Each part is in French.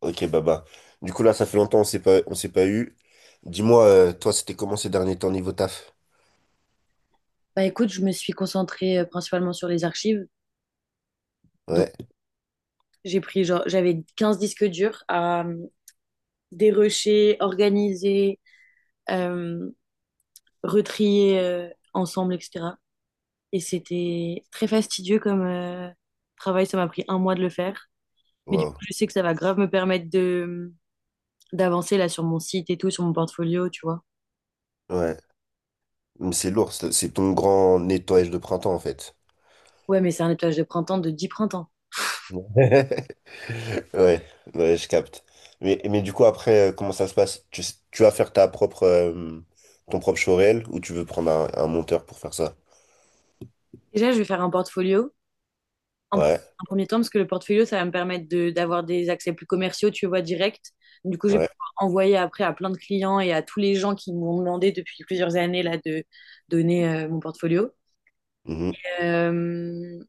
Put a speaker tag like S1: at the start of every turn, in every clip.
S1: Ok, Baba. Du coup, là, ça fait longtemps, on s'est pas eu. Dis-moi, toi, c'était comment ces derniers temps niveau taf?
S2: Bah écoute, je me suis concentrée principalement sur les archives. Donc
S1: Ouais.
S2: j'ai pris genre j'avais 15 disques durs à dérocher, organiser, euh, retrier ensemble, etc. Et c'était très fastidieux comme travail. Ça m'a pris un mois de le faire. Mais du coup,
S1: Wow.
S2: je sais que ça va grave me permettre de euh, d'avancer là sur mon site et tout, sur mon portfolio, tu vois.
S1: Ouais. Mais c'est lourd, c'est ton grand nettoyage de printemps, en fait.
S2: Ouais, mais c'est un nettoyage de printemps de 10 printemps.
S1: Ouais, ouais, je capte. Mais du coup, après, comment ça se passe? Tu vas faire ta propre, ton propre showreel ou tu veux prendre un monteur pour faire ça?
S2: Déjà, je vais faire un portfolio En, pre-
S1: Ouais,
S2: en premier temps, parce que le portfolio, ça va me permettre d'avoir des accès plus commerciaux, tu vois, direct. Du coup, je vais
S1: ouais,
S2: pouvoir envoyer après à plein de clients et à tous les gens qui m'ont demandé depuis plusieurs années là, de donner mon portfolio.
S1: mhm,
S2: Euh,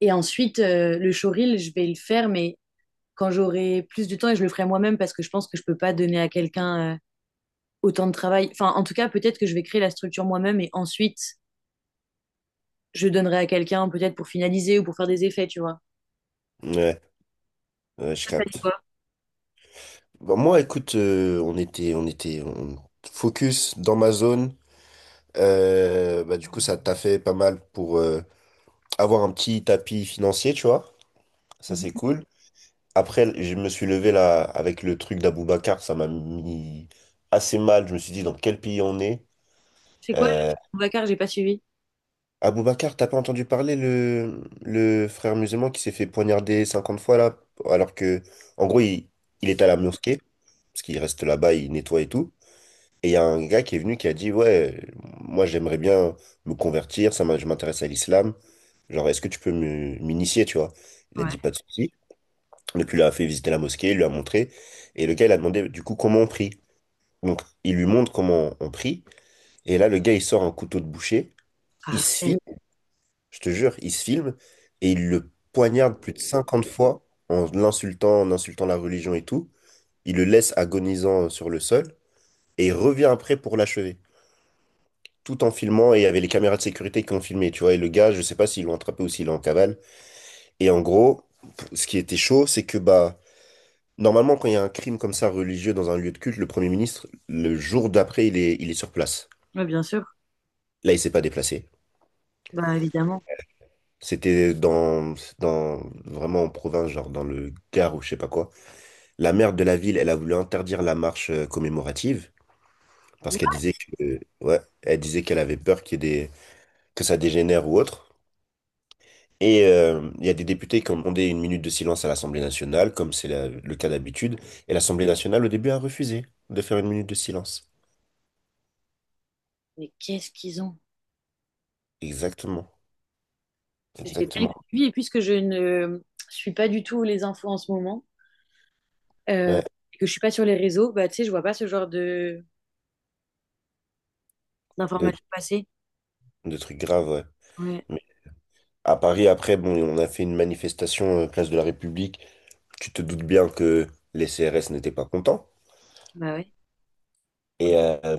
S2: et ensuite, le showreel, je vais le faire, mais quand j'aurai plus du temps, et je le ferai moi-même parce que je pense que je peux pas donner à quelqu'un autant de travail. Enfin, en tout cas, peut-être que je vais créer la structure moi-même et ensuite, je donnerai à quelqu'un peut-être pour finaliser ou pour faire des effets, tu vois.
S1: ouais, ouais, je
S2: C'est
S1: capte.
S2: quoi?
S1: Bon, moi, écoute, on était focus dans ma zone. Bah, du coup, ça t'a fait pas mal pour avoir un petit tapis financier, tu vois. Ça, c'est
S2: Mhm.
S1: cool. Après, je me suis levé là avec le truc d'Aboubacar. Ça m'a mis assez mal. Je me suis dit dans quel pays on est.
S2: C'est quoi?
S1: Euh,
S2: Le Vacar, j'ai pas suivi.
S1: Aboubacar, t'as pas entendu parler le frère musulman qui s'est fait poignarder 50 fois là? Alors que, en gros, il était à la mosquée, parce qu'il reste là-bas, il nettoie et tout. Et il y a un gars qui est venu qui a dit, ouais, moi j'aimerais bien me convertir, je m'intéresse à l'islam. Genre, est-ce que tu peux m'initier, tu vois? Il a dit pas de souci. Donc, il lui a fait visiter la mosquée, il lui a montré. Et le gars, il a demandé du coup comment on prie. Donc, il lui montre comment on prie. Et là, le gars, il sort un couteau de boucher. Il se filme,
S2: Arrête.
S1: je te jure, il se filme. Et il le poignarde plus de 50 fois en l'insultant, en insultant la religion et tout. Il le laisse agonisant sur le sol. Et il revient après pour l'achever, tout en filmant, et il y avait les caméras de sécurité qui ont filmé, tu vois. Et le gars, je sais pas s'ils l'ont attrapé ou s'il est en cavale. Et en gros, ce qui était chaud, c'est que bah normalement quand il y a un crime comme ça religieux dans un lieu de culte, le Premier ministre, le jour d'après, il est sur place.
S2: Ouais, bien sûr.
S1: Là, il s'est pas déplacé.
S2: Bah, évidemment.
S1: C'était dans vraiment en province, genre dans le Gard ou je sais pas quoi. La maire de la ville, elle a voulu interdire la marche commémorative parce
S2: What?
S1: qu'elle disait que ouais, elle disait qu'elle avait peur qu'il y ait des que ça dégénère ou autre. Et il y a des députés qui ont demandé une minute de silence à l'Assemblée nationale, comme c'est le cas d'habitude. Et l'Assemblée nationale, au début, a refusé de faire une minute de silence.
S2: Mais qu'est-ce qu'ils ont?
S1: Exactement.
S2: Je vais pas les
S1: Exactement.
S2: suivre, et puisque je ne suis pas du tout les infos en ce moment, euh,
S1: Ouais,
S2: et que je suis pas sur les réseaux, bah tu sais, je vois pas ce genre de
S1: de,
S2: d'informations passer.
S1: de trucs graves, ouais.
S2: Ouais,
S1: Mais à Paris, après, bon, on a fait une manifestation place de la République. Tu te doutes bien que les CRS n'étaient pas contents.
S2: bah ouais.
S1: Et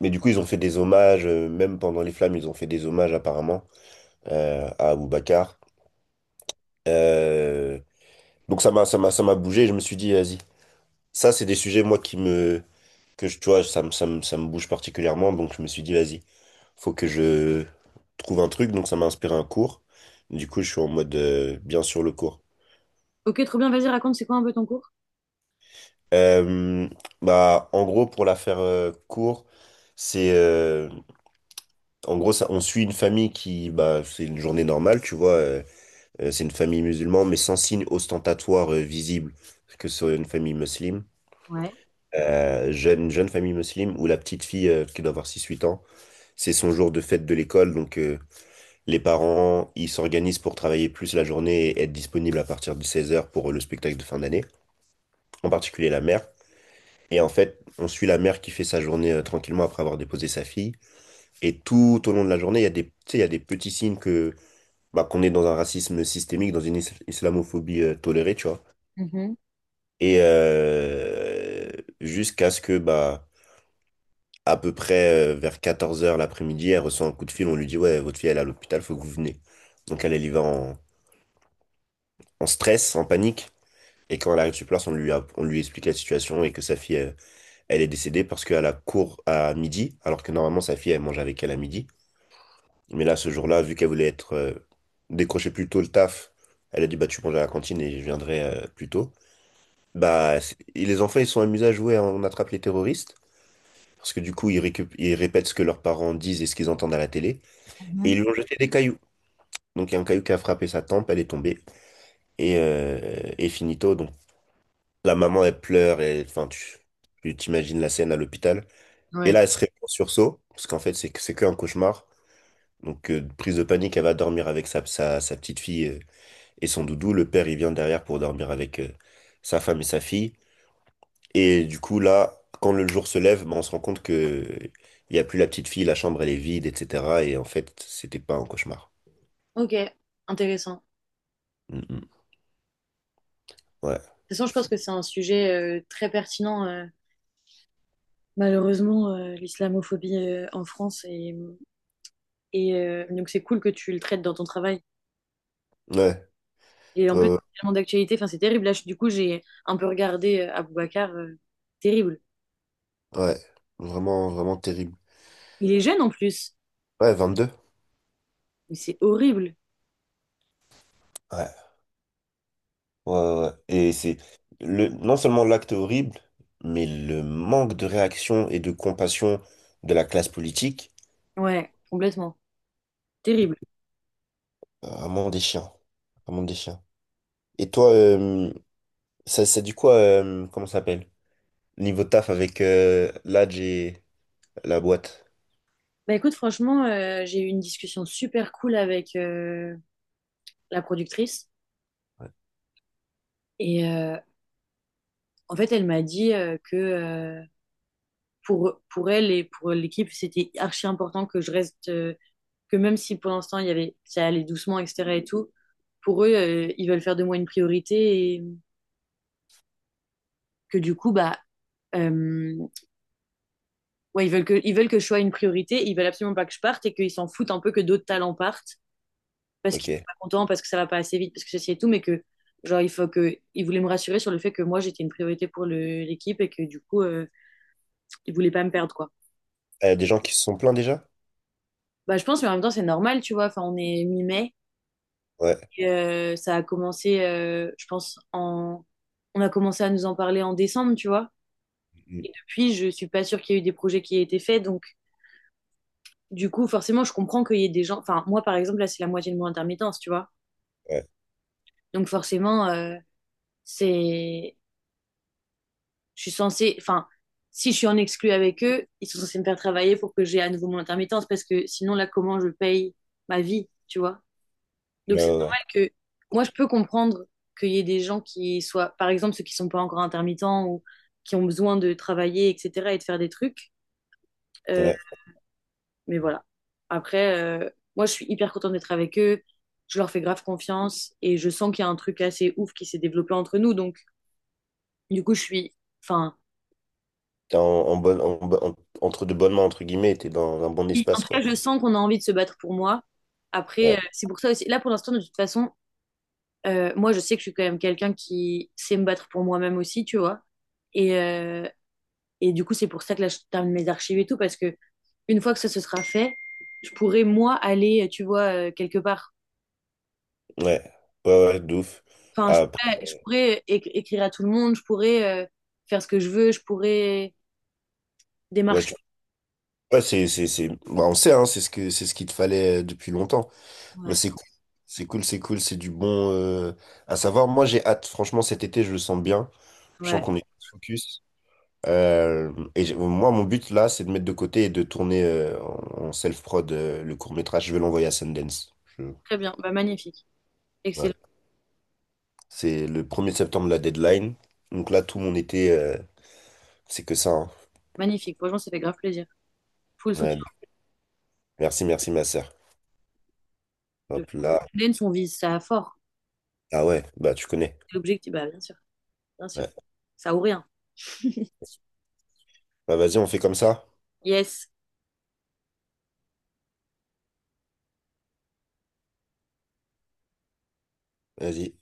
S1: mais du coup, ils ont fait des hommages, même pendant les flammes, ils ont fait des hommages apparemment à Aboubacar. Euh, donc ça m'a bougé. Je me suis dit, vas-y. Ça, c'est des sujets, moi, qui me, que je, tu vois, ça me bouge particulièrement. Donc, je me suis dit, vas-y, faut que je trouve un truc. Donc, ça m'a inspiré un cours. Du coup, je suis en mode, bien sur le cours.
S2: Ok, trop bien, vas-y, raconte, c'est quoi un peu ton cours?
S1: Euh, bah, en gros, pour la faire court, c'est, euh, en gros, ça, on suit une famille qui, bah, c'est une journée normale, tu vois. C'est une famille musulmane, mais sans signe ostentatoire visible que ce soit une famille musulmane,
S2: Ouais.
S1: jeune famille musulmane, où la petite fille qui doit avoir six huit ans. C'est son jour de fête de l'école, donc les parents, ils s'organisent pour travailler plus la journée et être disponibles à partir de 16 heures pour le spectacle de fin d'année, en particulier la mère. Et en fait, on suit la mère qui fait sa journée tranquillement après avoir déposé sa fille. Et tout au long de la journée, il y a des petits signes que bah, qu'on est dans un racisme systémique, dans une islamophobie tolérée, tu vois.
S2: Mhm,
S1: Et jusqu'à ce que bah à peu près vers 14 heures l'après-midi, elle reçoit un coup de fil, on lui dit, ouais, votre fille, elle est à l'hôpital, faut que vous venez. Donc elle y va en stress, en panique. Et quand elle arrive sur place, on lui explique la situation et que sa fille, elle est décédée parce qu'elle a cours à midi, alors que normalement sa fille, elle mange avec elle à midi. Mais là, ce jour-là, vu qu'elle voulait être décrocher plus tôt le taf, elle a dit, bah tu manges à la cantine et je viendrai plus tôt. Et les enfants, ils sont amusés à jouer à On attrape les terroristes, parce que du coup, ils ils répètent ce que leurs parents disent et ce qu'ils entendent à la télé. Et
S2: mhm.
S1: ils lui ont jeté des cailloux. Donc il y a un caillou qui a frappé sa tempe, elle est tombée. Et finito, donc la maman, elle pleure, et enfin, tu t'imagines la scène à l'hôpital. Et
S2: Ouais.
S1: là, elle se réveille en sursaut, parce qu'en fait, c'est qu'un cauchemar. Donc, prise de panique, elle va dormir avec sa petite fille et son doudou. Le père, il vient derrière pour dormir avec sa femme et sa fille. Et du coup, là, quand le jour se lève, ben on se rend compte que il n'y a plus la petite fille, la chambre, elle est vide, etc. Et en fait, c'était pas un cauchmar.
S2: Ok, intéressant.
S1: Mm, mm. Ouais.
S2: De toute façon, je pense que c'est un sujet très pertinent. Malheureusement, l'islamophobie en France. Et, et donc, c'est cool que tu le traites dans ton travail.
S1: Ouais. Ouais,
S2: Et en plus,
S1: ouais.
S2: c'est tellement d'actualité, enfin, c'est terrible. Là, du coup, j'ai un peu regardé Aboubacar, terrible.
S1: Ouais, vraiment, vraiment terrible.
S2: Il est jeune en plus,
S1: Ouais, 22.
S2: mais c'est horrible.
S1: Ouais, ouais, ouais. Et c'est le, non seulement l'acte horrible, mais le manque de réaction et de compassion de la classe politique,
S2: Ouais, complètement. Terrible.
S1: vraiment des chiens. Vraiment des chiens. Et toi, comment ça s'appelle? Niveau taf avec l'Adj et la boîte.
S2: Bah écoute, franchement, j'ai eu une discussion super cool avec la productrice. Et en fait, elle m'a dit que pour elle et pour l'équipe, c'était archi important que je reste, que même si pour l'instant, il y avait, ça allait doucement, etc. et tout, pour eux, ils veulent faire de moi une priorité et que du coup, bah. euh, ouais, ils veulent que je sois une priorité, ils veulent absolument pas que je parte et qu'ils s'en foutent un peu que d'autres talents partent parce qu'ils sont
S1: Ok.
S2: pas contents, parce que ça va pas assez vite, parce que ceci et tout, mais que genre il faut que ils voulaient me rassurer sur le fait que moi j'étais une priorité pour l'équipe et que du coup ils voulaient pas me perdre quoi.
S1: Des gens qui se sont plaints déjà?
S2: Bah je pense mais en même temps c'est normal tu vois, enfin on est mi-mai
S1: Ouais.
S2: et, ça a commencé je pense en on a commencé à nous en parler en décembre, tu vois.
S1: Mm.
S2: Et depuis, je suis pas sûre qu'il y ait eu des projets qui aient été faits donc du coup forcément je comprends qu'il y ait des gens enfin moi par exemple là c'est la moitié de mon intermittence, tu vois.
S1: Ouais.
S2: Donc forcément, c'est, je suis censée, enfin, si je suis en exclu avec eux, ils sont censés me faire travailler pour que j'ai à nouveau mon intermittence parce que sinon là, comment je paye ma vie, tu vois? Donc
S1: Ouais,
S2: c'est
S1: ouais, ouais.
S2: normal que moi, je peux comprendre qu'il y ait des gens qui soient, par exemple, ceux qui sont pas encore intermittents ou qui ont besoin de travailler, etc., et de faire des trucs. Euh,
S1: Ouais.
S2: mais voilà. Après, moi, je suis hyper contente d'être avec eux. Je leur fais grave confiance et je sens qu'il y a un truc assez ouf qui s'est développé entre nous. Donc, du coup, je suis, enfin,
S1: T'es en entre de bonnes mains, entre guillemets, t'es dans un bon
S2: et en
S1: espace,
S2: tout cas,
S1: quoi.
S2: je sens qu'on a envie de se battre pour moi. Après,
S1: Ouais.
S2: c'est pour ça aussi. Là, pour l'instant, de toute façon, moi, je sais que je suis quand même quelqu'un qui sait me battre pour moi-même aussi, tu vois. Et, euh, et du coup, c'est pour ça que là, je termine mes archives et tout, parce que une fois que ça se sera fait, je pourrais, moi, aller, tu vois, quelque part.
S1: Ouais, ouais, ouais, de ouf.
S2: Enfin,
S1: Après,
S2: je pourrais écrire à tout le monde, je pourrais faire ce que je veux, je pourrais
S1: ouais,
S2: démarcher.
S1: ouais, c'est... bah, on sait, hein, c'est ce qu'il te fallait depuis longtemps. Bah,
S2: Ouais,
S1: c'est cool, c'est cool, c'est cool, c'est du bon à savoir. Moi, j'ai hâte. Franchement, cet été, je le sens bien. Je sens
S2: ouais.
S1: qu'on est focus. Et moi, mon but là, c'est de mettre de côté et de tourner en self-prod le court-métrage. Je vais l'envoyer à Sundance. Je-
S2: Très bien. Bah, magnifique.
S1: Ouais.
S2: Excellent.
S1: C'est le premier septembre, la deadline. Donc là, tout mon été, c'est que ça, hein.
S2: Magnifique. Franchement, ça fait grave plaisir. Full
S1: Ouais,
S2: soutien.
S1: merci, merci, ma sœur.
S2: De
S1: Hop là.
S2: Lens, on vise ça fort.
S1: Ah ouais, bah tu connais.
S2: L'objectif, bah, bien sûr, bien sûr.
S1: Ouais.
S2: Ça ou rien.
S1: Bah vas-y, on fait comme ça.
S2: Yes.
S1: Vas-y.